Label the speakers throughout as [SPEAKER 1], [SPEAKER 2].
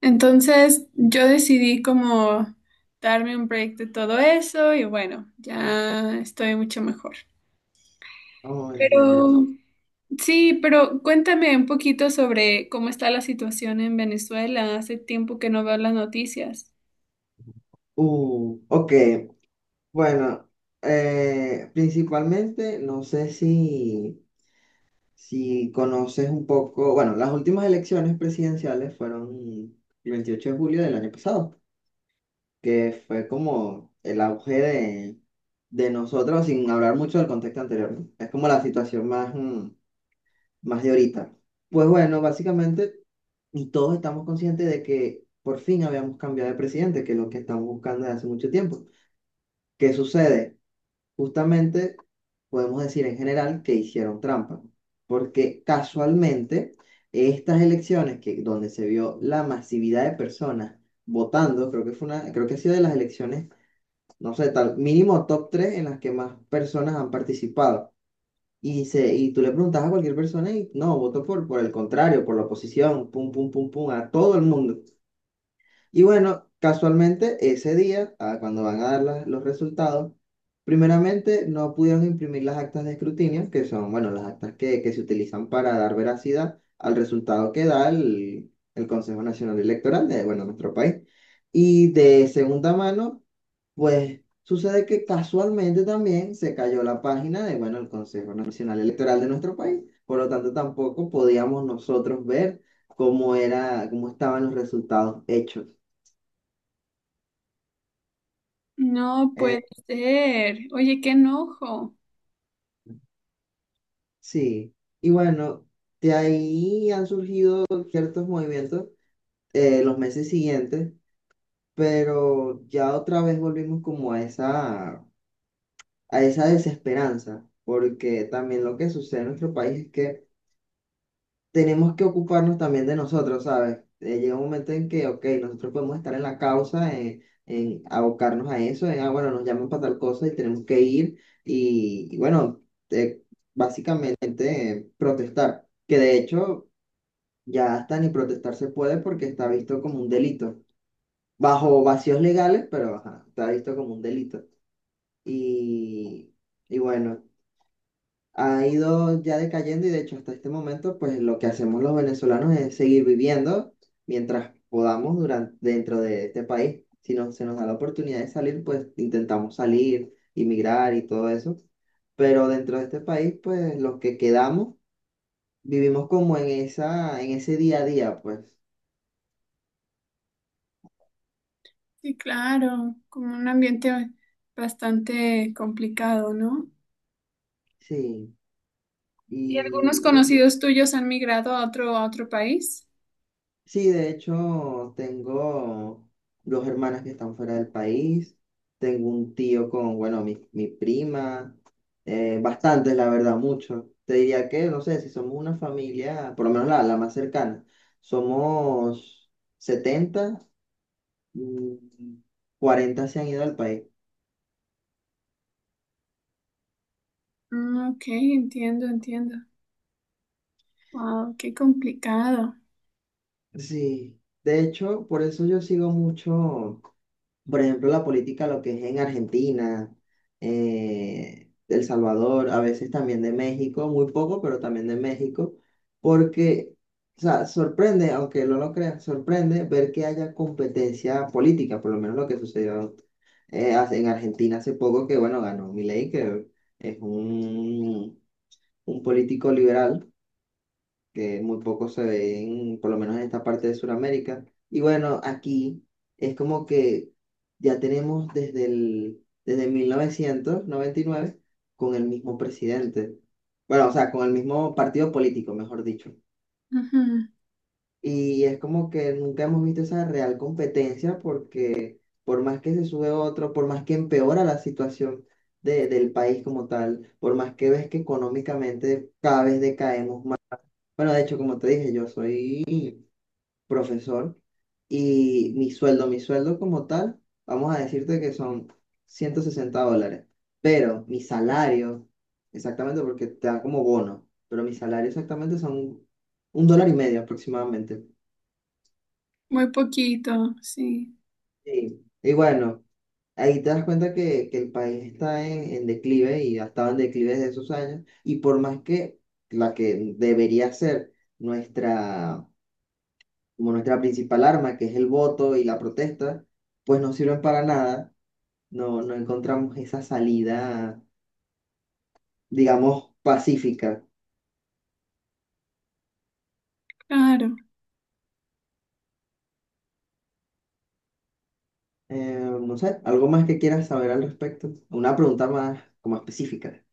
[SPEAKER 1] Entonces yo decidí como darme un break de todo eso y bueno, ya estoy mucho mejor.
[SPEAKER 2] Oh, entiendo.
[SPEAKER 1] Pero sí, pero cuéntame un poquito sobre cómo está la situación en Venezuela. Hace tiempo que no veo las noticias.
[SPEAKER 2] Ok. Bueno, principalmente, no sé si conoces un poco, bueno, las últimas elecciones presidenciales fueron el 28 de julio del año pasado, que fue como el auge de nosotros, sin hablar mucho del contexto anterior, ¿no? Es como la situación más, más de ahorita. Pues bueno, básicamente. Y todos estamos conscientes de que por fin habíamos cambiado de presidente, que es lo que estamos buscando desde hace mucho tiempo. ¿Qué sucede? Justamente podemos decir en general que hicieron trampa, porque casualmente estas elecciones, que, donde se vio la masividad de personas votando, creo que fue una, creo que ha sido de las elecciones, no sé, tal, mínimo top 3 en las que más personas han participado. Y tú le preguntas a cualquier persona y no, votó por el contrario, por la oposición, pum, pum, pum, pum, a todo el mundo. Y bueno, casualmente ese día, cuando van a dar los resultados, primeramente no pudieron imprimir las actas de escrutinio, que son, bueno, las actas que se utilizan para dar veracidad al resultado que da el Consejo Nacional Electoral de, bueno, nuestro país. Y de segunda mano, pues sucede que casualmente también se cayó la página de, bueno, el Consejo Nacional Electoral de nuestro país. Por lo tanto, tampoco podíamos nosotros ver cómo era, cómo estaban los resultados hechos.
[SPEAKER 1] No puede
[SPEAKER 2] Eh,
[SPEAKER 1] ser. Oye, qué enojo.
[SPEAKER 2] sí, y bueno, de ahí han surgido ciertos movimientos los meses siguientes, pero ya otra vez volvimos como a esa desesperanza, porque también lo que sucede en nuestro país es que tenemos que ocuparnos también de nosotros, ¿sabes? Llega un momento en que, ok, nosotros podemos estar en la causa, en abocarnos a eso, bueno, nos llaman para tal cosa y tenemos que ir y bueno, eh, básicamente protestar, que de hecho ya hasta ni protestar se puede porque está visto como un delito, bajo vacíos legales, pero ajá, está visto como un delito. Y, y bueno ha ido ya decayendo y de hecho hasta este momento pues lo que hacemos los venezolanos es seguir viviendo mientras podamos durante, dentro de este país. Si no, se nos da la oportunidad de salir, pues intentamos salir, emigrar y todo eso. Pero dentro de este país pues los que quedamos vivimos como en esa, en ese día a día pues.
[SPEAKER 1] Sí, claro, como un ambiente bastante complicado, ¿no?
[SPEAKER 2] Sí.
[SPEAKER 1] ¿Y algunos
[SPEAKER 2] Y, y
[SPEAKER 1] conocidos tuyos han migrado a otro país?
[SPEAKER 2] Sí, de hecho, tengo dos hermanas que están fuera del país, tengo un tío con, bueno, mi prima, bastantes, la verdad, muchos. Te diría que, no sé, si somos una familia, por lo menos la más cercana, somos setenta, mm, 40 se han ido al país.
[SPEAKER 1] Mm, ok, entiendo, entiendo. Wow, qué complicado.
[SPEAKER 2] Sí, de hecho, por eso yo sigo mucho. Por ejemplo, la política, lo que es en Argentina, El Salvador, a veces también de México, muy poco, pero también de México, porque, o sea, sorprende, aunque no lo creas, sorprende ver que haya competencia política, por lo menos lo que sucedió en Argentina hace poco, que bueno, ganó Milei, que es un político liberal que muy poco se ven, por lo menos en esta parte de Sudamérica. Y bueno, aquí es como que ya tenemos desde 1999 con el mismo presidente. Bueno, o sea, con el mismo partido político, mejor dicho.
[SPEAKER 1] Ujú.
[SPEAKER 2] Y es como que nunca hemos visto esa real competencia porque por más que se sube otro, por más que empeora la situación del país como tal, por más que ves que económicamente cada vez decaemos más. Bueno, de hecho, como te dije, yo soy profesor y mi sueldo como tal, vamos a decirte que son 160 dólares, pero mi salario, exactamente porque te da como bono, pero mi salario exactamente son un dólar y medio aproximadamente.
[SPEAKER 1] Muy poquito, sí,
[SPEAKER 2] Sí. Y bueno, ahí te das cuenta que el país está en declive y ha estado en declive desde esos años, y por más que la que debería ser nuestra, como nuestra principal arma, que es el voto y la protesta, pues no sirven para nada. No encontramos esa salida, digamos, pacífica.
[SPEAKER 1] claro.
[SPEAKER 2] No sé, algo más que quieras saber al respecto. Una pregunta más como específica.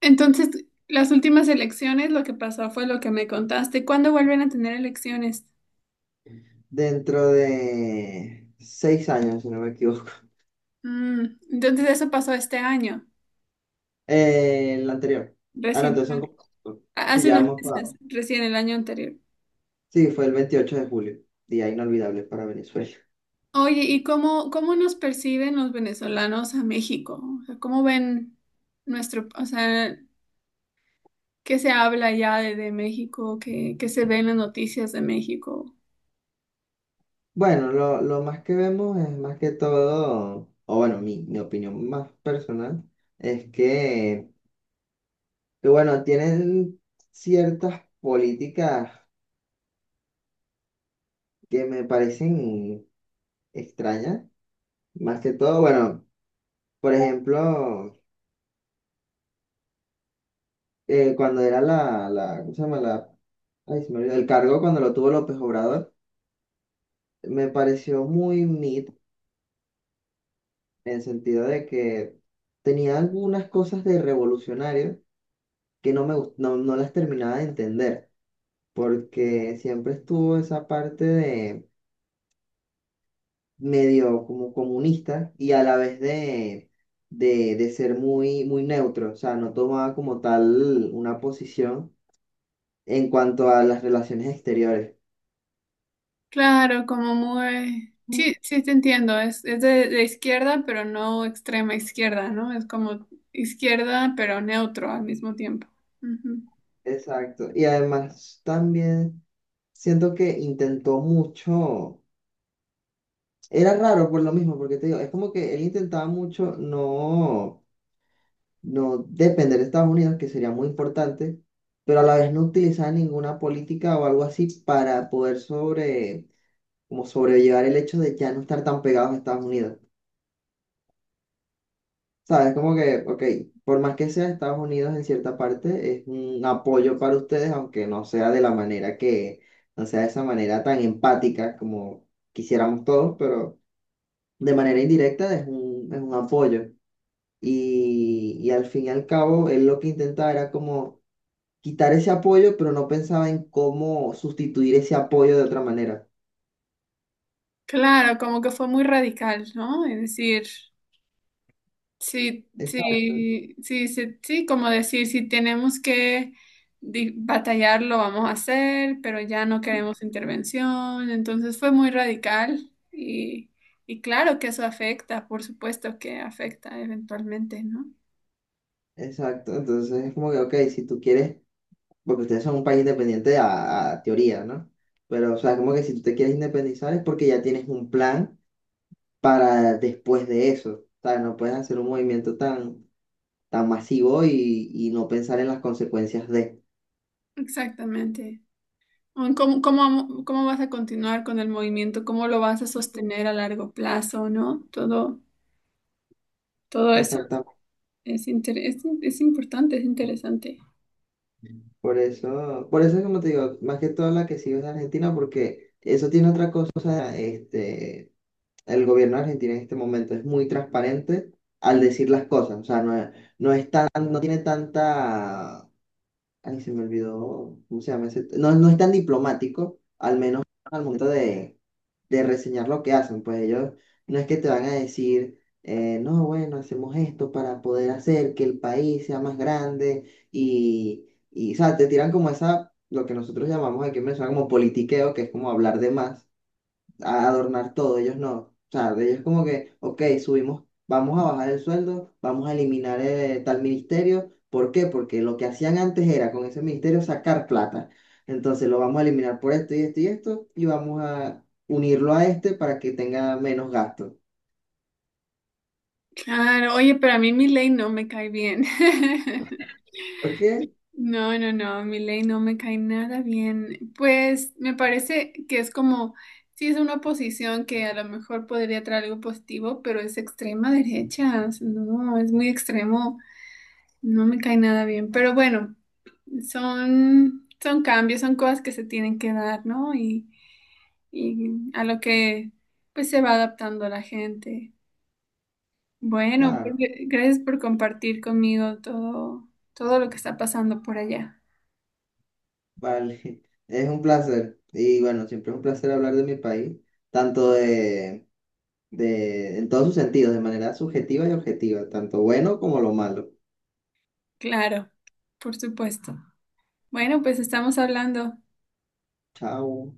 [SPEAKER 1] Entonces, las últimas elecciones, lo que pasó fue lo que me contaste. ¿Cuándo vuelven a tener elecciones?
[SPEAKER 2] Dentro de seis años, si no me equivoco.
[SPEAKER 1] Mm, entonces, eso pasó este año,
[SPEAKER 2] El anterior. Ah, no,
[SPEAKER 1] recién,
[SPEAKER 2] entonces son como cinco. Sí,
[SPEAKER 1] hace
[SPEAKER 2] ya
[SPEAKER 1] unos
[SPEAKER 2] vamos para-
[SPEAKER 1] meses, recién el año anterior.
[SPEAKER 2] Sí, fue el 28 de julio, día inolvidable para Venezuela.
[SPEAKER 1] Oye, ¿y cómo nos perciben los venezolanos a México? O sea, ¿cómo ven nuestro, o sea, qué se habla ya de México, qué se ve en las noticias de México?
[SPEAKER 2] Bueno, lo más que vemos es más que todo, o bueno, mi opinión más personal es que bueno, tienen ciertas políticas que me parecen extrañas, más que todo, bueno, por ejemplo, cuando era ¿cómo se llama? La, ay, se me olvidó, el cargo cuando lo tuvo López Obrador, me pareció muy mid, en el sentido de que tenía algunas cosas de revolucionario que no las terminaba de entender, porque siempre estuvo esa parte de medio como comunista y a la vez de, de ser muy, muy neutro, o sea, no tomaba como tal una posición en cuanto a las relaciones exteriores.
[SPEAKER 1] Claro, como muy...
[SPEAKER 2] Mm.
[SPEAKER 1] Sí, sí te entiendo, es de izquierda, pero no extrema izquierda, ¿no? Es como izquierda, pero neutro al mismo tiempo. Ujú.
[SPEAKER 2] Exacto. Y además también siento que intentó mucho, era raro por lo mismo, porque te digo, es como que él intentaba mucho no depender de Estados Unidos, que sería muy importante, pero a la vez no utilizaba ninguna política o algo así para poder sobre como sobrellevar el hecho de ya no estar tan pegados a Estados Unidos. ¿Sabes? Como que, ok, por más que sea Estados Unidos en cierta parte, es un apoyo para ustedes, aunque no sea de la manera que, no sea de esa manera tan empática como quisiéramos todos, pero de manera indirecta es un apoyo. Y al fin y al cabo, él lo que intentaba era como quitar ese apoyo, pero no pensaba en cómo sustituir ese apoyo de otra manera.
[SPEAKER 1] Claro, como que fue muy radical, ¿no? Es decir, sí,
[SPEAKER 2] Exacto,
[SPEAKER 1] sí, sí, sí, sí, como decir, si tenemos que batallar, lo vamos a hacer, pero ya no queremos intervención, entonces fue muy radical y claro que eso afecta, por supuesto que afecta eventualmente, ¿no?
[SPEAKER 2] exacto. Entonces es como que, ok, si tú quieres porque ustedes son un país independiente a teoría, ¿no? Pero, o sea, como que si tú te quieres independizar es porque ya tienes un plan para después de eso. O sea, no puedes hacer un movimiento tan, tan masivo y no pensar en las consecuencias de.
[SPEAKER 1] Exactamente. O en ¿Cómo vas a continuar con el movimiento? ¿Cómo lo vas a sostener a largo plazo, ¿no? Todo, todo eso
[SPEAKER 2] Exactamente.
[SPEAKER 1] es, es importante, es interesante.
[SPEAKER 2] Por eso es como te digo, más que todo la que sigo es de Argentina, porque eso tiene otra cosa, este, el gobierno argentino en este momento es muy transparente al decir las cosas, o sea, no es tan, no tiene tanta. Ay, se me olvidó, ¿cómo se llama ese? No, no es tan diplomático, al menos al momento de reseñar lo que hacen, pues ellos no es que te van a decir, no, bueno, hacemos esto para poder hacer que el país sea más grande y, o sea, te tiran como esa, lo que nosotros llamamos aquí en Venezuela como politiqueo, que es como hablar de más a adornar todo, ellos no. O sea, de ellos como que, ok, subimos, vamos a bajar el sueldo, vamos a eliminar tal ministerio. ¿Por qué? Porque lo que hacían antes era con ese ministerio sacar plata. Entonces lo vamos a eliminar por esto y esto y esto y vamos a unirlo a este para que tenga menos gasto.
[SPEAKER 1] Claro, oye, pero a mí ley no me cae bien.
[SPEAKER 2] ¿Por qué?
[SPEAKER 1] No, no, no, ley no me cae nada bien. Pues me parece que es como, sí es una oposición que a lo mejor podría traer algo positivo, pero es extrema derecha. O sea, no, es muy extremo, no me cae nada bien. Pero bueno. Son, son cambios, son cosas que se tienen que dar, ¿no? Y a lo que pues se va adaptando la gente. Bueno, pues,
[SPEAKER 2] Claro,
[SPEAKER 1] gracias por compartir conmigo todo, todo lo que está pasando por allá.
[SPEAKER 2] vale. Es un placer. Y bueno, siempre es un placer hablar de mi país, tanto de, en todos sus sentidos, de manera subjetiva y objetiva, tanto bueno como lo malo.
[SPEAKER 1] Claro, por supuesto. Bueno, pues estamos hablando.
[SPEAKER 2] Chao.